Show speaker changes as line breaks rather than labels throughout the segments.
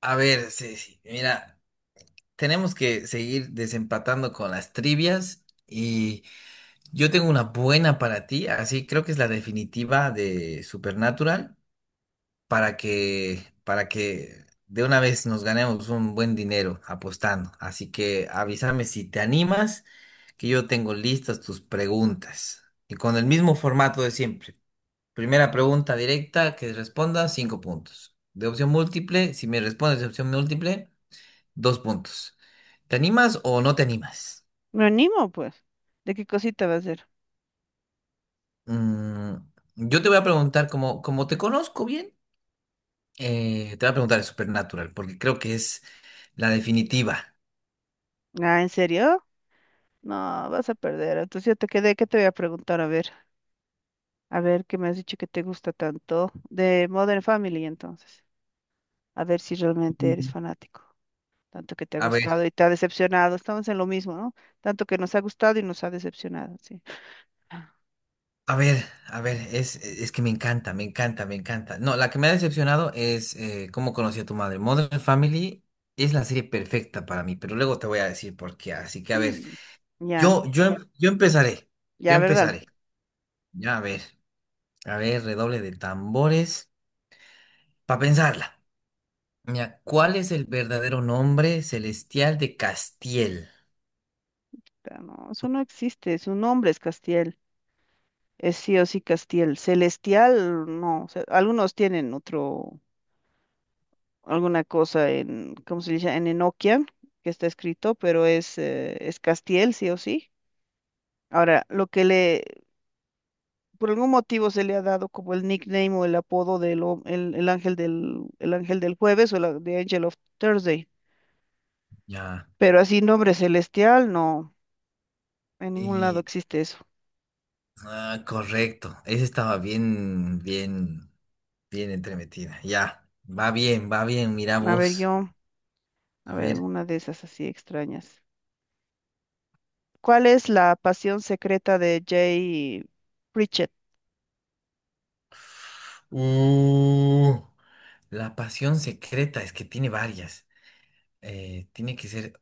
A ver, sí, sí, mira, tenemos que seguir desempatando con las trivias y yo tengo una buena para ti, así creo que es la definitiva de Supernatural para que de una vez nos ganemos un buen dinero apostando. Así que avísame si te animas, que yo tengo listas tus preguntas y con el mismo formato de siempre. Primera pregunta directa que responda, 5 puntos. De opción múltiple, si me respondes de opción múltiple. 2 puntos. ¿Te animas o no te animas?
Me animo, pues. ¿De qué cosita va a ser?
Mm, yo te voy a preguntar, como te conozco bien, te voy a preguntar de Supernatural, porque creo que es la definitiva.
Ah, ¿en serio? No, vas a perder. Entonces yo te quedé, ¿qué te voy a preguntar? A ver, ¿qué me has dicho que te gusta tanto? De Modern Family, entonces. A ver si realmente eres
Mm.
fanático. Tanto que te ha
A ver,
gustado y te ha decepcionado. Estamos en lo mismo, ¿no? Tanto que nos ha gustado y nos ha decepcionado, sí.
a ver, a ver, es que me encanta, me encanta, me encanta. No, la que me ha decepcionado es cómo conocí a tu madre. Modern Family es la serie perfecta para mí, pero luego te voy a decir por qué. Así que, a ver,
Mm, ya,
yo empezaré, yo
ya, ¿verdad?
empezaré. Ya, a ver, redoble de tambores. Para pensarla. Mira, ¿cuál es el verdadero nombre celestial de Castiel?
No, eso no existe. Su nombre es Castiel. Es sí o sí Castiel. Celestial, no. O sea, algunos tienen otro. Alguna cosa en, ¿cómo se dice? En Enoquian, que está escrito, pero es Castiel, sí o sí. Ahora, lo que le, por algún motivo se le ha dado como el nickname o el apodo del el ángel del jueves o The Angel of Thursday.
Ya.
Pero así nombre celestial, no, en ningún lado
Y.
existe eso.
Ah, correcto. Esa estaba bien, bien, bien entremetida. Ya. Va bien, va bien. Mira
A ver,
vos.
a
A
ver,
ver.
alguna de esas así extrañas. ¿Cuál es la pasión secreta de Jay Pritchett?
Uh, la pasión secreta es que tiene varias. Eh, tiene que ser,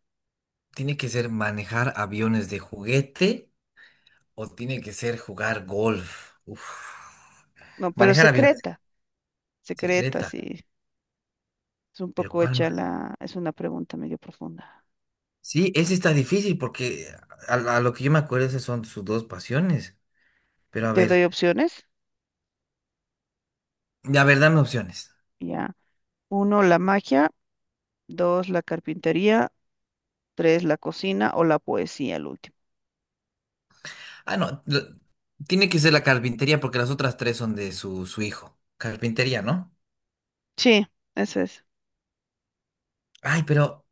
tiene que ser manejar aviones de juguete o tiene que ser jugar golf. Uf.
No, pero
Manejar aviones
secreta, secreta,
secreta.
sí. Es un
Pero
poco
¿cuál más?
es una pregunta medio profunda.
Sí, ese está difícil porque a lo que yo me acuerdo esas son sus dos pasiones. Pero
Te doy opciones,
a ver, dame opciones.
ya. Uno, la magia. Dos, la carpintería. Tres, la cocina o la poesía, el último.
Ah, no, lo- tiene que ser la carpintería porque las otras tres son de su hijo. Carpintería, ¿no?
Sí, ese es.
Ay, pero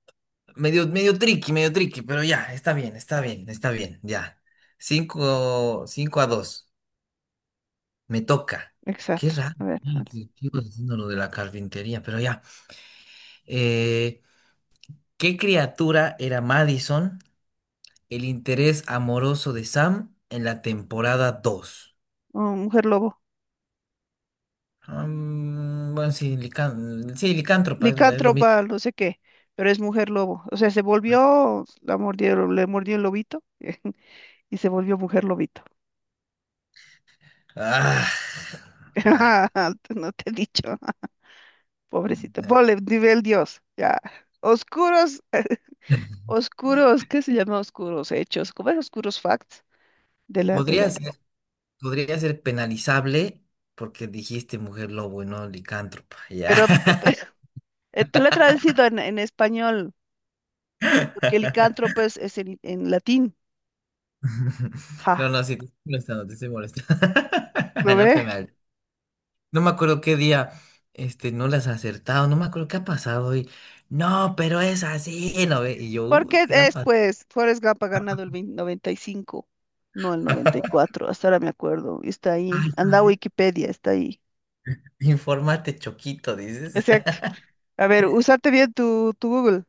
medio, medio tricky, pero ya, está bien, está bien, está bien, ya. Cinco, 5-2. Me toca. Qué
Exacto.
raro.
A ver,
Sí,
dale.
sí, sigo haciendo lo de la carpintería, pero ya. Eh, ¿Qué criatura era Madison? El interés amoroso de Sam en la temporada 2.
Oh, mujer lobo.
Mm, bueno, sí, sí, licántropa, es lo mismo.
Licántropa, no sé qué, pero es mujer lobo. O sea, se volvió, la mordió, le mordió el lobito y se volvió mujer lobito.
Ah, ah,
No te he dicho, pobrecita.
ah.
Ponle nivel Dios, ya. Oscuros Oscuros, ¿qué se llama oscuros hechos? ¿Cómo es oscuros facts? De la, de
Podría
la,
ser, podría ser penalizable porque dijiste mujer lobo y no licántropa, ya.
pero, te lo he traducido en, español, porque licántropo es en latín.
No,
Ja,
no, sí, te estoy molestando, te estoy molestando.
¿lo
No te
ve?
me. No me acuerdo qué día, este, no las has acertado, no me acuerdo qué ha pasado y, no, pero es así, ¿no ve? Y yo,
Porque
¿qué ha
es,
pasado?"
pues, Forrest Gump ha ganado el 20 95, no el noventa y cuatro. Hasta ahora me acuerdo, y está ahí,
Ay,
anda a
¿sabe?
Wikipedia, está ahí.
Infórmate, Choquito, dices.
Exacto. A ver, usate bien tu Google,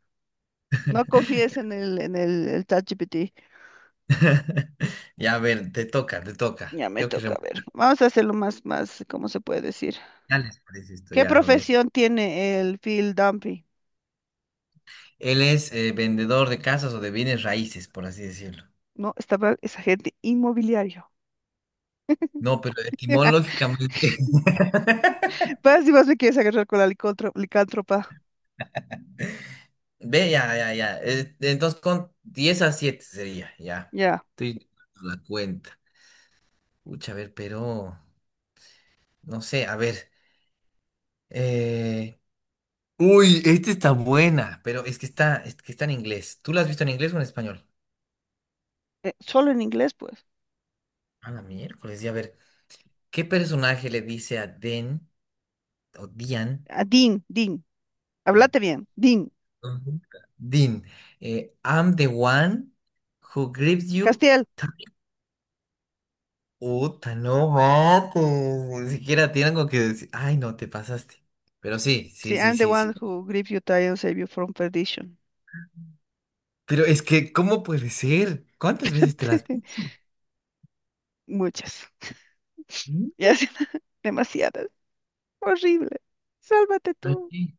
no confíes en el ChatGPT.
Ya, a ver, te toca, te toca.
Ya me
Tengo que
toca, a ver, vamos a hacerlo más, más, ¿cómo se puede decir?
remontarles, parece esto,
¿Qué
ya, a ver.
profesión tiene el Phil Dunphy?
Él es vendedor de casas o de bienes raíces, por así decirlo.
No, estaba esa gente inmobiliario.
No, pero etimológicamente.
Pues si vas me quieres agarrar con la licántropa.
Ve, ya, ya, ya. Entonces, con 10-7 sería, ya.
Ya.
Estoy dando la cuenta. Pucha, a ver, pero no sé, a ver. eh, Uy, esta está buena, pero es que está en inglés. ¿Tú la has visto en inglés o en español?
Solo en inglés, pues.
A la miércoles, y a ver, ¿qué personaje le dice a Den o Dian?
Ah, Dean, Dean. Háblate bien. Dean.
Ujú. Dean, I'm the one who grips you.
Castiel.
Puta, no mates. Ni siquiera tiene algo que decir. Ay, no, te pasaste. Pero sí, sí,
Sí,
sí,
I'm the
sí, sí.
one who gripped you tie and saved you from perdition.
Pero es que, ¿cómo puede ser? ¿Cuántas veces te
Espérate. Muchas.
vi?
Ya, sí, demasiadas. Horrible. Sálvate
Ay,
tú.
qué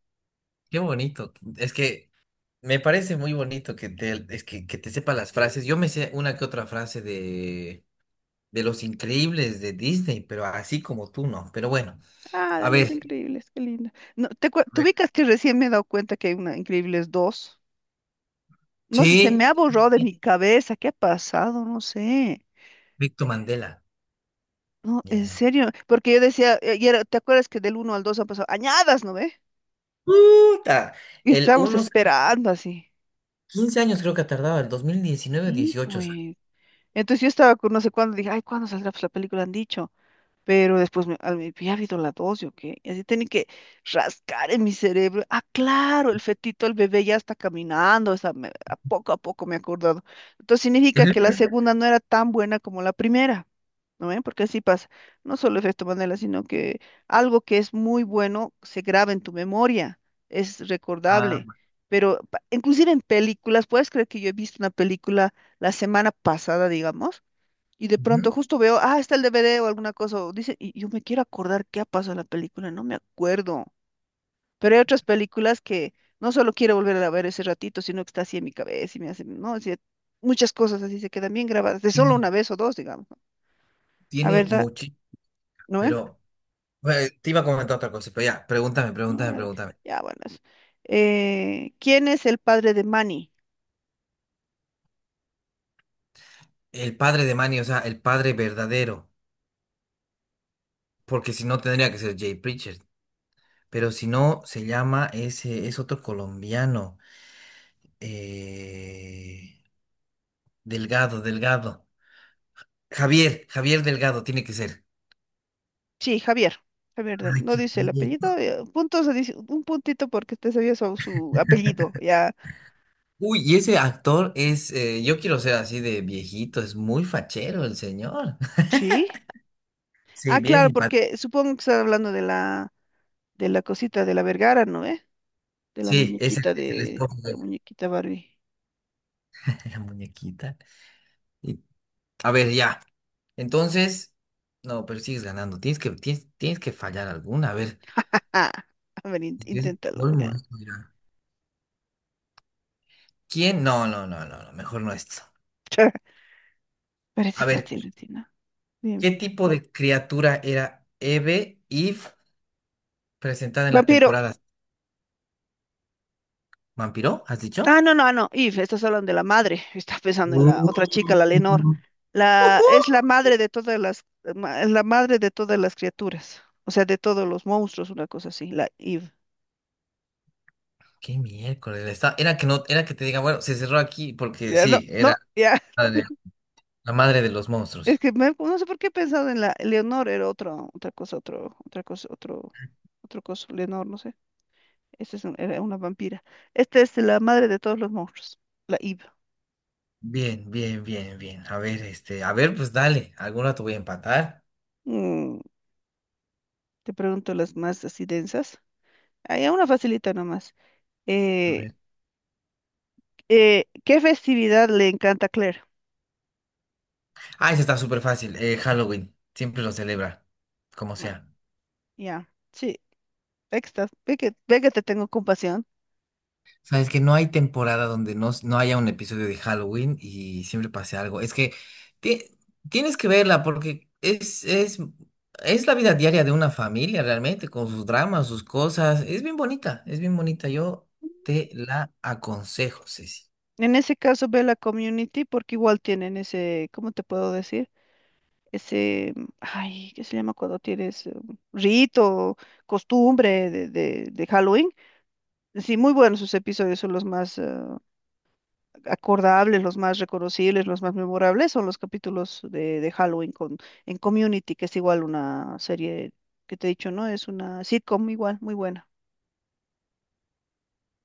qué bonito. Es que me parece muy bonito que te, que te sepa las frases. Yo me sé una que otra frase de Los Increíbles de Disney, pero así como tú no. Pero bueno,
Ah, de
a
los
ver.
Increíbles. Qué lindo. No,
A
te
ver.
ubicas que recién me he dado cuenta que hay una Increíbles dos? No sé, se
Sí,
me ha borrado de mi cabeza. ¿Qué ha pasado? No sé.
Víctor Mandela.
No, en
Ya.
serio. Porque yo decía, ¿te acuerdas que del uno al 2 han pasado añadas? ¿No ve?
Puta.
Y
El
estábamos, sí,
unos
esperando así.
15 años creo que ha tardado, el 2019
Sí,
o sea.
pues. Entonces yo estaba con no sé cuándo, dije, ay, ¿cuándo saldrá pues, la película? Han dicho. Pero después me había habido la 2, ¿yo qué? Y así tenía que rascar en mi cerebro. Ah, claro, el fetito, el bebé ya está caminando. O sea, a poco me he acordado. Entonces significa que la
Ujú.
segunda no era tan buena como la primera. ¿No ven? Porque así pasa. No solo efecto Mandela, sino que algo que es muy bueno se graba en tu memoria, es recordable.
Ah,
Pero inclusive en películas, puedes creer que yo he visto una película la semana pasada, digamos, y de pronto
ujú.
justo veo, ah, está el DVD o alguna cosa, o dice, y yo me quiero acordar qué ha pasado en la película, no me acuerdo. Pero hay otras películas que no solo quiero volver a ver ese ratito, sino que está así en mi cabeza y me hace, no, así, muchas cosas así se quedan bien grabadas, de solo una vez o dos, digamos, ¿no? A ver,
Tiene mucho,
¿no? ¿Eh?
pero bueno, te iba a comentar otra cosa, pero ya, pregúntame,
No,
pregúntame,
dale.
pregúntame.
Ya, buenas. ¿Quién es el padre de Manny?
El padre de Manny, o sea, el padre verdadero, porque si no tendría que ser Jay Pritchard. Pero si no, se llama ese, es otro colombiano. eh, Delgado, Delgado. Javier Delgado tiene que ser.
Sí, Javier. Javier del,
Ay,
no
qué
dice el
bien.
apellido. Puntos, dice un puntito porque te sabía su apellido, ya.
Uy, y ese actor es, yo quiero ser así de viejito, es muy fachero el señor.
Sí.
Sí,
Ah,
bien
claro,
simpático.
porque supongo que están hablando de la, cosita de la Vergara, ¿no? ¿Eh?
Sí, es el
De
esposo de
la muñequita Barbie.
la muñequita. Y. A ver, ya. Entonces, no, pero sigues ganando. Tienes que fallar alguna. A ver,
Ah, a ver,
es que es el
inténtalo.
colmo
Ya.
esto, mira. ¿Quién? No, no, no, no, no, mejor no esto.
Parece
A ver,
fácil, Tina. Dime.
¿qué tipo de criatura era Eve, presentada en la
Vampiro.
temporada? ¿Vampiro? ¿Has dicho?
No, no, no, Eve, estás hablando de la madre, estás pensando en la
Mm.
otra chica, la Lenor. Es la madre de todas las, ma- es la madre de todas las criaturas, o sea, de todos los monstruos, una cosa así, la Eve.
¿Qué miércoles? Está- Era que no, era que te diga, bueno, se cerró aquí porque
Ya, no,
sí,
no, ya,
la de- la madre de los
es
monstruos.
que no sé por qué he pensado en la Leonor, era otro, otra cosa, otro, otra cosa, otro, otro coso, Leonor, no sé, esta es era una vampira. Esta es la madre de todos los monstruos, la Eve.
Bien, bien, bien, bien. A ver, este, a ver, pues dale, alguna te voy a empatar.
Mm, Te pregunto las más así densas. Hay una facilita nomás. Eh, ¿Qué festividad le encanta a Claire?
Ah, ese está súper fácil. Halloween. Siempre lo celebra, como
Ah,
sea.
ya, sí, ahí está. Ve que te tengo compasión.
Sabes que no hay temporada donde no, no haya un episodio de Halloween y siempre pase algo. Es que ti- tienes que verla porque es la vida diaria de una familia realmente, con sus dramas, sus cosas. Es bien bonita, es bien bonita. Yo te la aconsejo, Ceci.
En ese caso, ve la community porque igual tienen ese, ¿cómo te puedo decir? Ese, ay, ¿qué se llama cuando tienes rito, costumbre de Halloween? Sí, muy buenos sus episodios, son los más acordables, los más reconocibles, los más memorables, son los capítulos de Halloween en community, que es igual una serie que te he dicho, ¿no? Es una sitcom igual, muy buena.